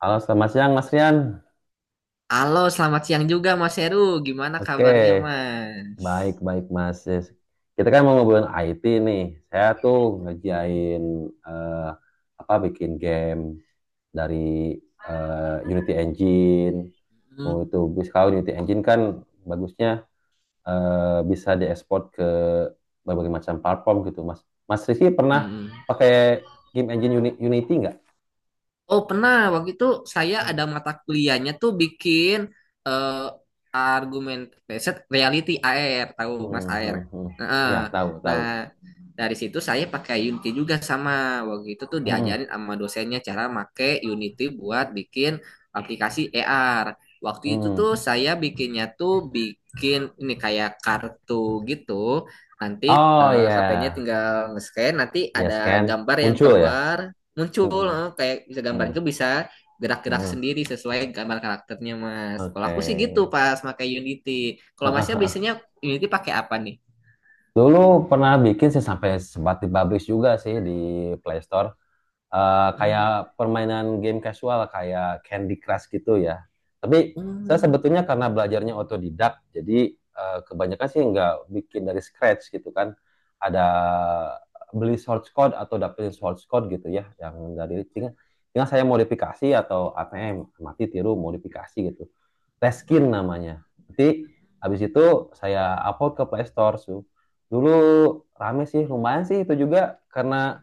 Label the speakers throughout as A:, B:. A: Halo, selamat siang Mas Rian.
B: Halo, selamat siang juga Mas Heru. Gimana
A: Oke,
B: kabarnya, Mas?
A: baik baik Mas. Ya, kita kan mau ngobrolin IT nih. Saya tuh ngerjain eh, apa bikin game dari Unity Engine. Mau
B: Hmm.
A: itu, kalau Unity Engine kan bagusnya bisa diekspor ke berbagai macam platform gitu, Mas. Mas Rizky pernah
B: Hmm.
A: pakai game engine Unity nggak?
B: Oh pernah, waktu itu saya
A: Hmm,
B: ada mata kuliahnya tuh bikin eh, argumen riset reality AR. Tahu Mas
A: hmm,
B: AR?
A: hmm, hmm.
B: Nah, eh,
A: Ya, tahu,
B: nah,
A: tahu.
B: dari situ saya pakai Unity juga. Sama waktu itu tuh
A: Hmm,
B: diajarin sama dosennya cara make Unity buat bikin aplikasi AR. Waktu itu tuh
A: hmm.
B: saya bikinnya tuh bikin ini kayak kartu gitu. Nanti
A: Oh ya,
B: HP-nya tinggal nge-scan, nanti ada
A: yes kan?
B: gambar yang
A: Muncul ya?
B: keluar muncul,
A: Mm-mm.
B: kayak bisa gambar
A: Mm.
B: itu bisa gerak-gerak
A: Mm.
B: sendiri sesuai gambar karakternya Mas. Kalau
A: Oke.
B: aku sih gitu pas pakai Unity.
A: Ah,
B: Kalau
A: ah,
B: Masnya
A: ah.
B: biasanya Unity pakai apa nih?
A: Dulu pernah bikin sih, sampai sempat dipublish juga sih di Play Store.
B: Hmm.
A: Kayak permainan game casual kayak Candy Crush gitu ya. Tapi saya
B: Hmm.
A: sebetulnya karena belajarnya otodidak, jadi kebanyakan sih nggak bikin dari scratch gitu kan. Ada beli source code atau dapetin source code gitu ya, yang dari tinggal, tinggal saya modifikasi, atau ATM, mati tiru modifikasi gitu. Reskin namanya. Nanti habis itu saya upload ke Play Store. Dulu rame sih, lumayan sih, itu juga karena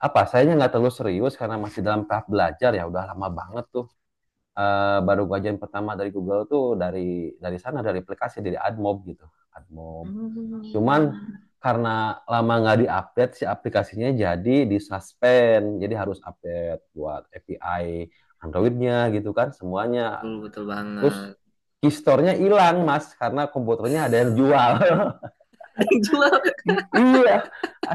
A: apa? Sayanya nggak terlalu serius karena masih dalam tahap belajar ya. Udah lama banget tuh. Baru gua ajain pertama dari Google tuh, dari sana, dari aplikasi, dari AdMob gitu. AdMob. Cuman
B: Hmm.
A: karena lama nggak diupdate si aplikasinya jadi disuspend. Jadi harus update buat API Androidnya gitu kan semuanya.
B: Betul betul
A: Terus
B: banget.
A: kistornya hilang mas, karena komputernya ada yang jual.
B: Ada yang jual.
A: Iya,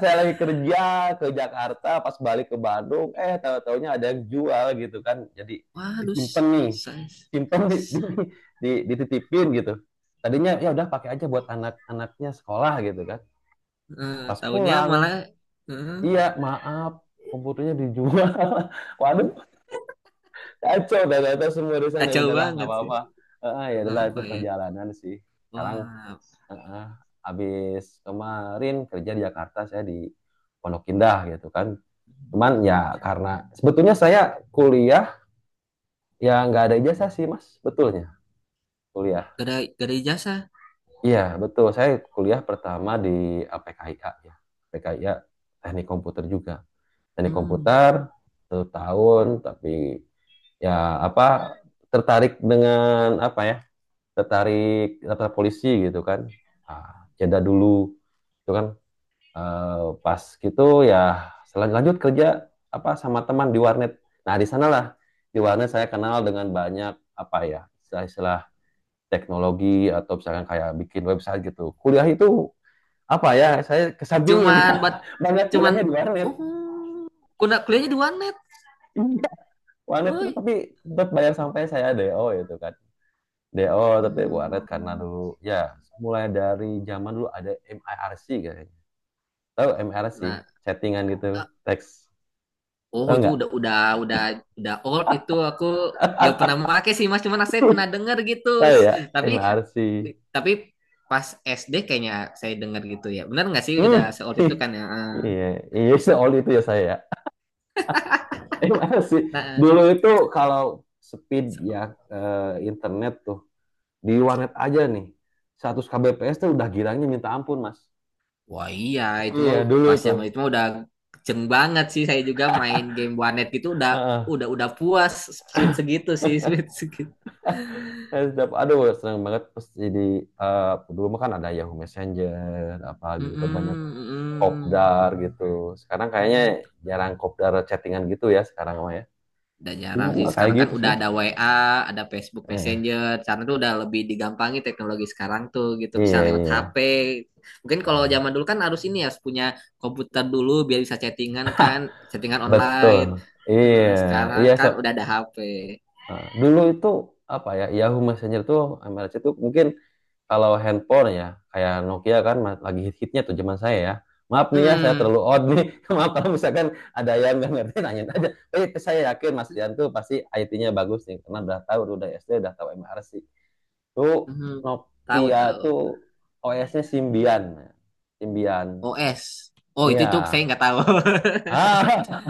A: saya lagi kerja ke Jakarta, pas balik ke Bandung, tahu-taunya ada yang jual gitu kan. Jadi
B: Waduh,
A: disimpan nih,
B: saya
A: simpen dititipin gitu. Tadinya ya udah pakai aja buat anak-anaknya sekolah gitu kan. Pas
B: tahunya malah,
A: pulang,
B: eh,
A: iya, maaf, komputernya dijual. Waduh, kacau dah, kata semua urusan ya
B: kacau
A: udahlah nggak
B: banget sih.
A: apa-apa. Ya adalah itu
B: Apa ya?
A: perjalanan sih. Sekarang.
B: Wah,
A: Heeh. Habis kemarin kerja di Jakarta saya di Pondok Indah gitu kan. Cuman ya karena sebetulnya saya kuliah ya nggak ada ijazah sih Mas, betulnya kuliah.
B: gak ada, gak ada ijazah.
A: Iya betul, saya kuliah pertama di PKIK ya, PKIK teknik komputer juga, teknik
B: Hmm.
A: komputer 1 tahun, tapi ya apa, tertarik dengan apa ya, tertarik daftar polisi gitu kan, jeda dulu itu kan. Eh, Pas gitu ya, lanjut kerja apa sama teman di warnet. Nah, di sanalah di warnet saya kenal dengan banyak apa ya, istilah-istilah teknologi, atau misalkan kayak bikin website gitu. Kuliah itu apa ya, saya kesampingin
B: cuman buat
A: banyak
B: cuman
A: kuliahnya di warnet.
B: oh kuda kuliahnya di One net.
A: Iya, warnet itu,
B: Oh.
A: tapi tetap bayar sampai saya DO itu kan. DO, tapi warnet
B: Hmm.
A: karena dulu ya, mulai dari zaman dulu ada MIRC kayaknya. Tahu MIRC?
B: Nah,
A: Chattingan gitu,
B: eh,
A: teks.
B: oh
A: Tahu
B: itu
A: nggak?
B: udah udah old itu aku, gak pernah pakai sih Mas, cuman saya pernah denger gitu.
A: Oh ya,
B: Tapi
A: MRC.
B: tapi pas SD kayaknya saya denger gitu ya. Benar nggak sih
A: Hmm.
B: udah se-old itu kan ya?
A: Iya, iya, itu all itu ya saya. MRC.
B: Nah,
A: Dulu itu, kalau speed
B: se-
A: ya, eh, internet tuh di warnet aja nih. 100 kbps tuh udah girangnya minta ampun, Mas.
B: wah, iya itu
A: Iya,
B: mah
A: dulu
B: pas
A: tuh.
B: zaman itu mah udah kenceng banget sih, saya juga main game warnet gitu, udah
A: Heeh.
B: puas sweet segitu sih, sweet segitu.
A: Setiap aduh, senang banget pas jadi, eh, dulu mah kan ada Yahoo Messenger apa gitu kan, banyak
B: Mm-mm, mm-mm,
A: kopdar gitu. Sekarang kayaknya
B: mm.
A: jarang kopdar chattingan gitu ya, sekarang mah ya.
B: Udah
A: Dulu
B: jarang sih.
A: mah kayak
B: Sekarang kan
A: gitu sih,
B: udah
A: Mas.
B: ada WA, ada Facebook
A: Eh,
B: Messenger. Karena tuh udah lebih digampangi teknologi sekarang tuh gitu. Bisa
A: Iya,
B: lewat
A: iya,
B: HP. Mungkin kalau
A: iya.
B: zaman dulu kan harus ini ya, harus punya komputer dulu biar bisa chattingan kan, chattingan
A: Betul.
B: online. Heeh.
A: Iya,
B: Sekarang
A: iya, so.
B: kan udah ada HP.
A: Nah, dulu itu apa ya? Yahoo Messenger tuh, MRC tuh, mungkin kalau handphone ya kayak Nokia kan, lagi hit-hitnya tuh zaman saya ya. Maaf nih ya, saya
B: Hmm,
A: terlalu odd nih. Maaf kalau misalkan ada yang nggak ngerti, nanya aja. Saya yakin Mas Dian tuh pasti IT-nya bagus nih, karena udah tahu, udah SD udah tahu MRC. Tuh
B: hmm. Mhm. Tahu
A: Nokia
B: tahu.
A: tuh OS-nya Symbian. Symbian.
B: OS. Oh itu
A: Iya.
B: saya nggak tahu.
A: Ah,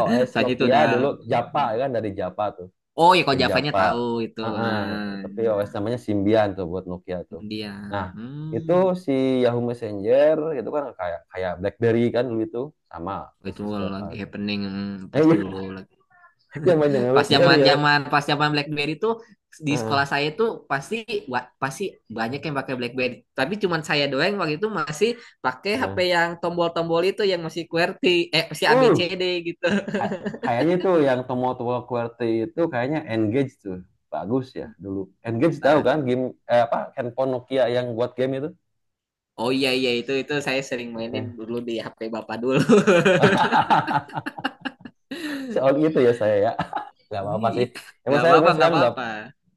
A: OS
B: Soalnya itu
A: Nokia
B: udah.
A: dulu
B: Hmm.
A: Japa ya kan, dari Japa tuh,
B: Oh ya, kalau
A: dari
B: Javanya
A: Japa.
B: tahu itu.
A: Ah, ah,
B: Nah,
A: tapi OS namanya Symbian tuh buat Nokia tuh. Nah,
B: Indian.
A: itu
B: Hmm.
A: si Yahoo Messenger itu kan kayak kayak BlackBerry kan dulu itu, sama
B: Itu
A: basis Japa
B: lagi
A: tuh.
B: happening.
A: Nah,
B: Pas dulu
A: iya,
B: lagi-
A: zaman
B: pas
A: BlackBerry
B: zaman
A: ya.
B: zaman pas zaman BlackBerry tuh di sekolah
A: Ah,
B: saya tuh pasti, pasti banyak yang pakai BlackBerry, tapi cuman saya doang. Waktu itu masih pakai HP
A: ya,
B: yang tombol-tombol itu, yang masih QWERTY, masih
A: uh
B: ABCD gitu.
A: kayaknya tuh yang Tomoto QWERTY itu kayaknya Engage tuh bagus ya dulu. Engage, tahu
B: Nah,
A: kan game, apa handphone Nokia yang buat game itu.
B: oh iya iya, itu saya sering mainin
A: Iya.
B: dulu di HP bapak dulu.
A: Soal itu ya saya ya. Gak apa-apa sih.
B: Ih,
A: Emang
B: nggak
A: saya
B: apa-apa
A: umur
B: nggak
A: sekarang udah
B: apa-apa.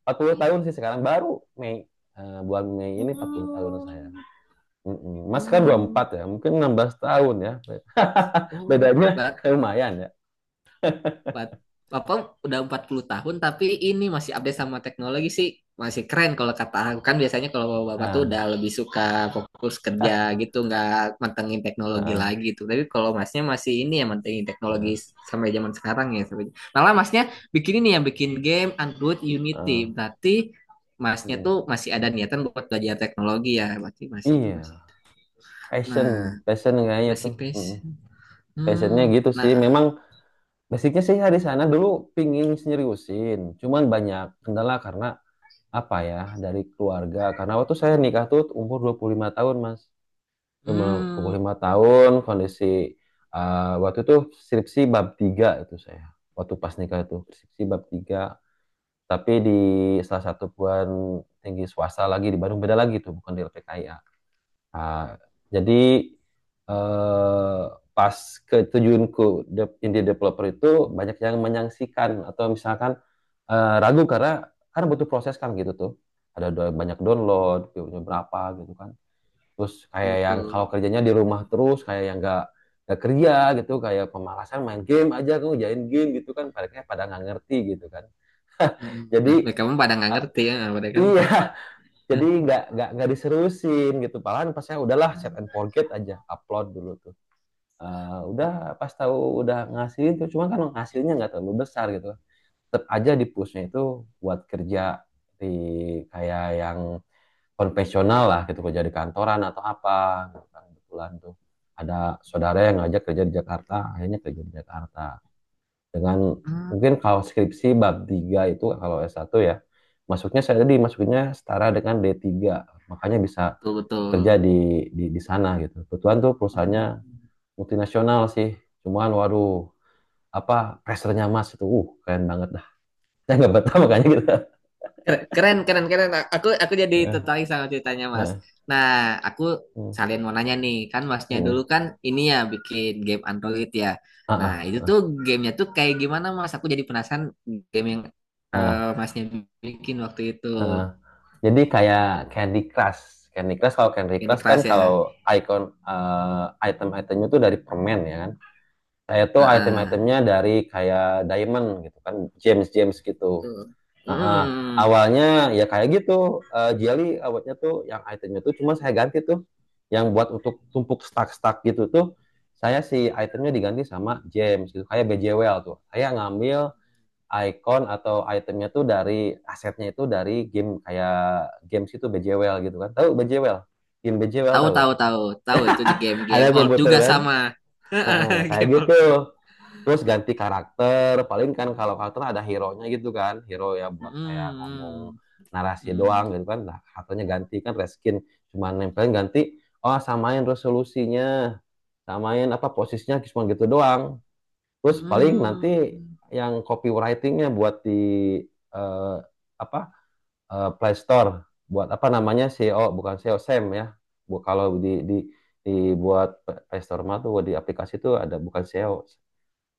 A: 40 tahun sih, sekarang baru Mei, bulan Mei ini 40 tahun
B: Oh,
A: saya. Mm-mm. Mas kan
B: oh,
A: 24 ya, mungkin 16 tahun ya.
B: oh.
A: Bedanya lumayan ya.
B: Pat- Papa udah 40 tahun, tapi ini masih update sama teknologi sih, masih keren kalau kata aku. Kan biasanya kalau bapak tuh udah
A: Ah.
B: lebih suka fokus kerja gitu, nggak mantengin teknologi
A: Ah,
B: lagi tuh. Tapi kalau Masnya masih ini ya, mantengin
A: ah,
B: teknologi sampai zaman sekarang ya, sampai malah Masnya bikin ini ya, bikin game Android Unity.
A: ah.
B: Berarti Masnya
A: Mm.
B: tuh masih ada niatan buat belajar teknologi ya, berarti masih itu
A: Iya,
B: masih.
A: passion,
B: Nah,
A: passion kayaknya
B: masih
A: tuh. Mm.
B: pes.
A: Passionnya
B: Hmm.
A: gitu
B: Nah.
A: sih. Memang basicnya sih dari sana dulu, pingin seriusin. Cuman banyak kendala karena apa ya, dari keluarga. Karena waktu saya nikah tuh umur 25 tahun, Mas.
B: Hmm.
A: 25 tahun, kondisi waktu itu skripsi bab 3 itu saya. Waktu pas nikah itu skripsi bab 3, tapi di salah satu perguruan tinggi swasta lagi di Bandung, beda lagi tuh, bukan di LPKIA. Ah, jadi eh, pas keterjunku indie developer itu, banyak yang menyaksikan atau misalkan ragu, karena kan butuh proses kan gitu tuh. Ada banyak download, view-nya berapa gitu kan, terus kayak yang kalau
B: Betul.
A: kerjanya di rumah terus kayak yang nggak kerja gitu, kayak pemalasan main game aja, kamu jain game gitu kan, pada pada nggak ngerti gitu kan.
B: Mm.
A: Jadi
B: Nah, lah kamu pada nggak
A: eh,
B: ngerti ya, pada kamu
A: iya.
B: tuh. Nah,
A: Jadi nggak diserusin gitu, malahan pas saya udahlah set and forget aja, upload dulu tuh. Udah pas tahu udah ngasih itu, cuma kan hasilnya nggak terlalu besar gitu, tetap aja di pushnya itu buat kerja di kayak yang konvensional lah gitu, kerja di kantoran atau apa gitu kan. Kebetulan tuh ada saudara yang ngajak kerja di Jakarta, akhirnya kerja di Jakarta dengan,
B: mm,
A: mungkin kalau skripsi bab 3 itu kalau S1 ya, masuknya saya tadi masuknya setara dengan D3, makanya bisa
B: betul betul.
A: kerja di sana gitu. Kebetulan tuh perusahaannya multinasional sih, cuman waduh apa, pressernya mas itu, keren banget dah. Saya nggak betah makanya gitu.
B: Keren keren keren. Keren. Aku jadi
A: Nah,
B: tertarik sama ceritanya Mas.
A: nah,
B: Nah, aku
A: hmm,
B: sekalian mau nanya nih, kan Masnya dulu
A: hmm.
B: kan ini ya, bikin game Android ya. Nah,
A: Ah,
B: itu
A: ah,
B: tuh
A: ah,
B: gamenya tuh kayak gimana Mas? Aku jadi penasaran game yang
A: ah.
B: Masnya bikin waktu itu.
A: Eh, jadi kayak Candy Crush. Candy Crush, kalau Candy
B: Candy
A: Crush kan
B: Crush
A: kalau
B: ya.
A: icon, eh, item-itemnya tuh dari permen ya kan. Saya tuh
B: Heeh.
A: item-itemnya dari kayak diamond gitu kan, gems, gems gitu.
B: Tuh.
A: Eh, eh,
B: Mm.
A: Awalnya ya kayak gitu, jelly awalnya tuh yang itemnya tuh, cuma saya ganti tuh yang buat untuk tumpuk stack-stack gitu tuh, saya si itemnya diganti sama gems gitu, kayak BJWL tuh. Saya ngambil icon atau itemnya tuh dari asetnya itu dari game, kayak games itu BJWL gitu kan. Tahu BJWL? Game BJWL
B: Tahu
A: tahu gak?
B: tahu tahu tahu, itu di
A: Ada
B: game-game old
A: komputer
B: juga
A: kan?
B: sama.
A: Heeh, kayak
B: Game
A: gitu.
B: Orchard.
A: Terus ganti karakter. Paling kan kalau karakter ada hero-nya gitu kan. Hero ya buat kayak ngomong
B: Mm,
A: narasi doang
B: mm,
A: gitu kan. Nah, karakternya ganti kan reskin, cuma nempelin, ganti, oh samain resolusinya, samain apa posisinya, cuma gitu doang.
B: mm,
A: Terus paling nanti
B: mm.
A: yang copywritingnya buat di eh, apa Play Store buat apa namanya SEO, bukan SEO, SEM ya. Bu, kalau di dibuat Play Store mah tuh di aplikasi tuh ada, bukan SEO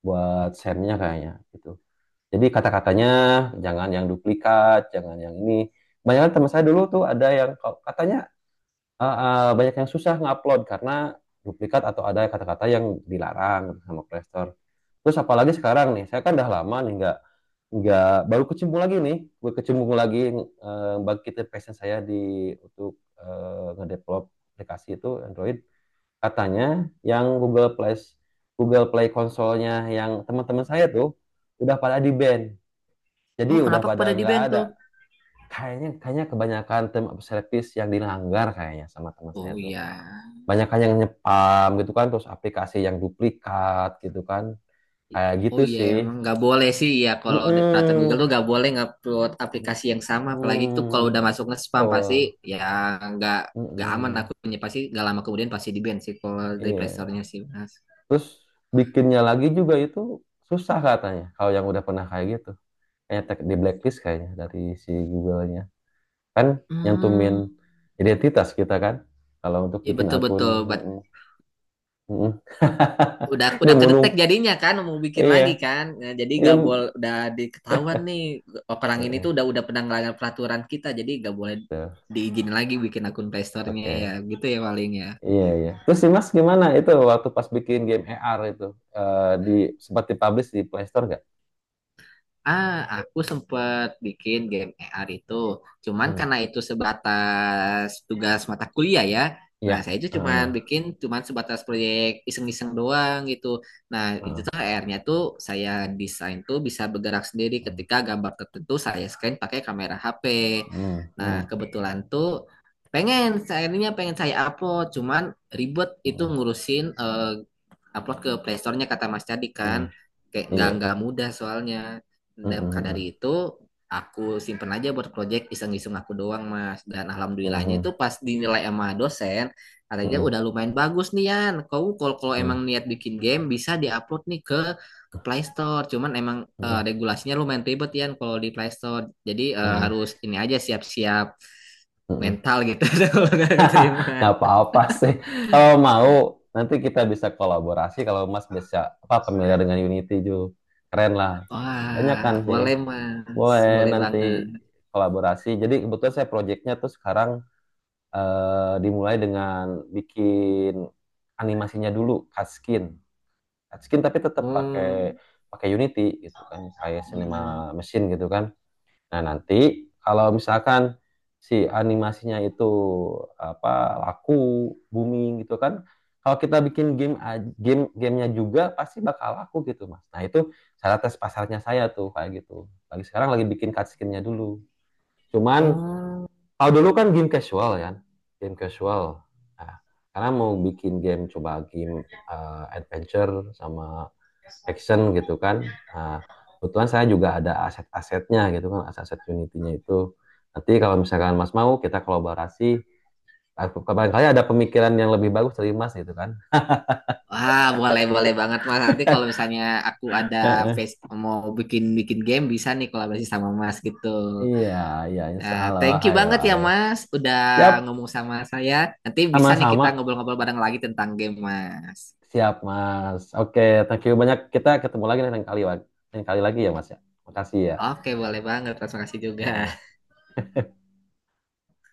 A: buat SEM-nya kayaknya gitu. Jadi kata-katanya jangan yang duplikat, jangan yang ini. Banyak teman saya dulu tuh ada yang katanya, ah, ah, banyak yang susah ngupload karena duplikat atau ada kata-kata yang dilarang sama Play Store. Terus apalagi sekarang nih, saya kan udah lama nih nggak baru kecimpung lagi nih, gue kecimpung lagi, bangkitin passion saya di, untuk ngedevelop aplikasi itu Android. Katanya yang Google Play Google Play konsolnya yang teman-teman saya tuh udah pada di ban. Jadi
B: Oh,
A: udah
B: kenapa
A: pada
B: kepada di
A: nggak
B: band
A: ada.
B: tuh?
A: Kayaknya kayaknya kebanyakan term of service yang dilanggar kayaknya sama teman saya
B: Oh
A: tuh,
B: iya.
A: banyak kan yang nyepam gitu kan, terus aplikasi yang duplikat gitu kan, kayak gitu
B: Oh iya,
A: sih.
B: emang nggak boleh sih ya kalau di peraturan Google
A: Mm-mm.
B: tuh, nggak boleh ngupload aplikasi yang sama. Apalagi tuh kalau
A: Mm.
B: udah masuk nge-spam,
A: Betul.
B: pasti ya nggak nggak aman
A: Mm-mm.
B: akunnya, pasti nggak lama kemudian pasti di band sih kalau dari Play
A: Iya,
B: Store-nya sih Mas.
A: terus bikinnya lagi juga itu susah katanya kalau yang udah pernah kayak gitu, kayak di blacklist kayaknya, dari si Google-nya kan, nyantumin
B: Hmm,
A: identitas kita kan kalau untuk
B: ya
A: bikin
B: betul
A: akun.
B: betul.
A: Mm-mm. Mm-mm. Dia
B: Udah
A: bunuh.
B: kedetek jadinya, kan mau bikin
A: Iya,
B: lagi kan. Nah, jadi
A: iya,
B: gak boleh. Udah diketahuan nih orang ini
A: iya.
B: tuh udah pernah ngelanggar peraturan kita, jadi gak boleh
A: Tuh.
B: diizinin lagi bikin akun Play nya
A: Oke.
B: ya gitu ya, paling ya.
A: Iya, iya. Terus sih Mas gimana itu waktu pas bikin game AR itu, eh, di sempat dipublish di Play Store nggak?
B: Ah, aku sempet bikin game AR itu. Cuman
A: Hmm.
B: karena itu sebatas tugas mata kuliah ya.
A: Iya.
B: Nah, saya itu
A: Heeh,
B: cuman bikin cuman sebatas proyek iseng-iseng doang gitu. Nah, itu
A: heeh.
B: tuh AR-nya tuh saya desain tuh bisa bergerak sendiri ketika gambar tertentu saya scan pakai kamera HP.
A: Hmm,
B: Nah,
A: hmm,
B: kebetulan tuh pengen, akhirnya pengen saya upload, cuman ribet itu
A: hmm,
B: ngurusin, upload ke playstore-nya. Kata Mas Cadi
A: hmm.
B: kan kayak
A: Iya.
B: nggak mudah soalnya,
A: Hmm,
B: dan
A: hmm,
B: maka
A: hmm,
B: dari itu aku simpen aja buat project iseng-iseng aku doang Mas. Dan
A: hmm,
B: alhamdulillahnya itu pas dinilai sama dosen, katanya
A: hmm,
B: udah lumayan bagus nih Yan. Kau kalau kalau
A: hmm,
B: emang niat bikin game bisa diupload nih ke Play Store, cuman emang
A: hmm,
B: regulasinya lumayan ribet ya. Kalau di Play Store jadi
A: hmm,
B: harus ini aja, siap-siap
A: hmm, hmm.
B: mental gitu. Kalau nggak
A: Nggak
B: keterima,
A: apa-apa sih. Kalau mau nanti kita bisa kolaborasi kalau Mas bisa apa, familiar dengan Unity Keren lah. Banyak
B: wah
A: kan sih.
B: boleh Mas,
A: Boleh
B: boleh
A: nanti
B: banget.
A: kolaborasi. Jadi kebetulan saya proyeknya tuh sekarang, dimulai dengan bikin animasinya dulu, cutscene, cutscene tapi tetap pakai
B: Hmm.
A: pakai Unity gitu kan kayak
B: Hmm.
A: Cinema Machine gitu kan. Nah nanti kalau misalkan si animasinya itu apa, laku, booming gitu kan, kalau kita bikin game, game gamenya juga pasti bakal laku gitu mas. Nah itu cara tes pasarnya saya tuh, kayak gitu lagi sekarang, lagi bikin cutscene-nya dulu. Cuman
B: Oh.
A: kalau dulu kan game casual kan, game casual. Nah, karena mau bikin game, coba game, adventure sama action gitu kan. Nah, kebetulan saya juga ada aset-asetnya gitu kan, aset-aset Unity-nya itu. Nanti kalau misalkan Mas mau kita kolaborasi, kapan kali ada pemikiran yang lebih bagus dari Mas gitu kan.
B: Wah, boleh boleh banget Mas. Nanti kalau misalnya aku ada
A: Heeh.
B: face mau bikin bikin game bisa nih kolaborasi sama Mas gitu.
A: Iya, iya, insya
B: Nah,
A: Allah.
B: thank you
A: Ayo,
B: banget ya
A: ayo.
B: Mas udah
A: Siap,
B: ngomong sama saya. Nanti bisa nih
A: sama-sama.
B: kita ngobrol-ngobrol bareng lagi tentang game Mas.
A: Siap, Mas. Oke, thank you banyak. Kita ketemu lagi lain kali lagi ya, Mas ya. Makasih ya.
B: Oke, boleh banget Mas. Makasih juga.
A: eh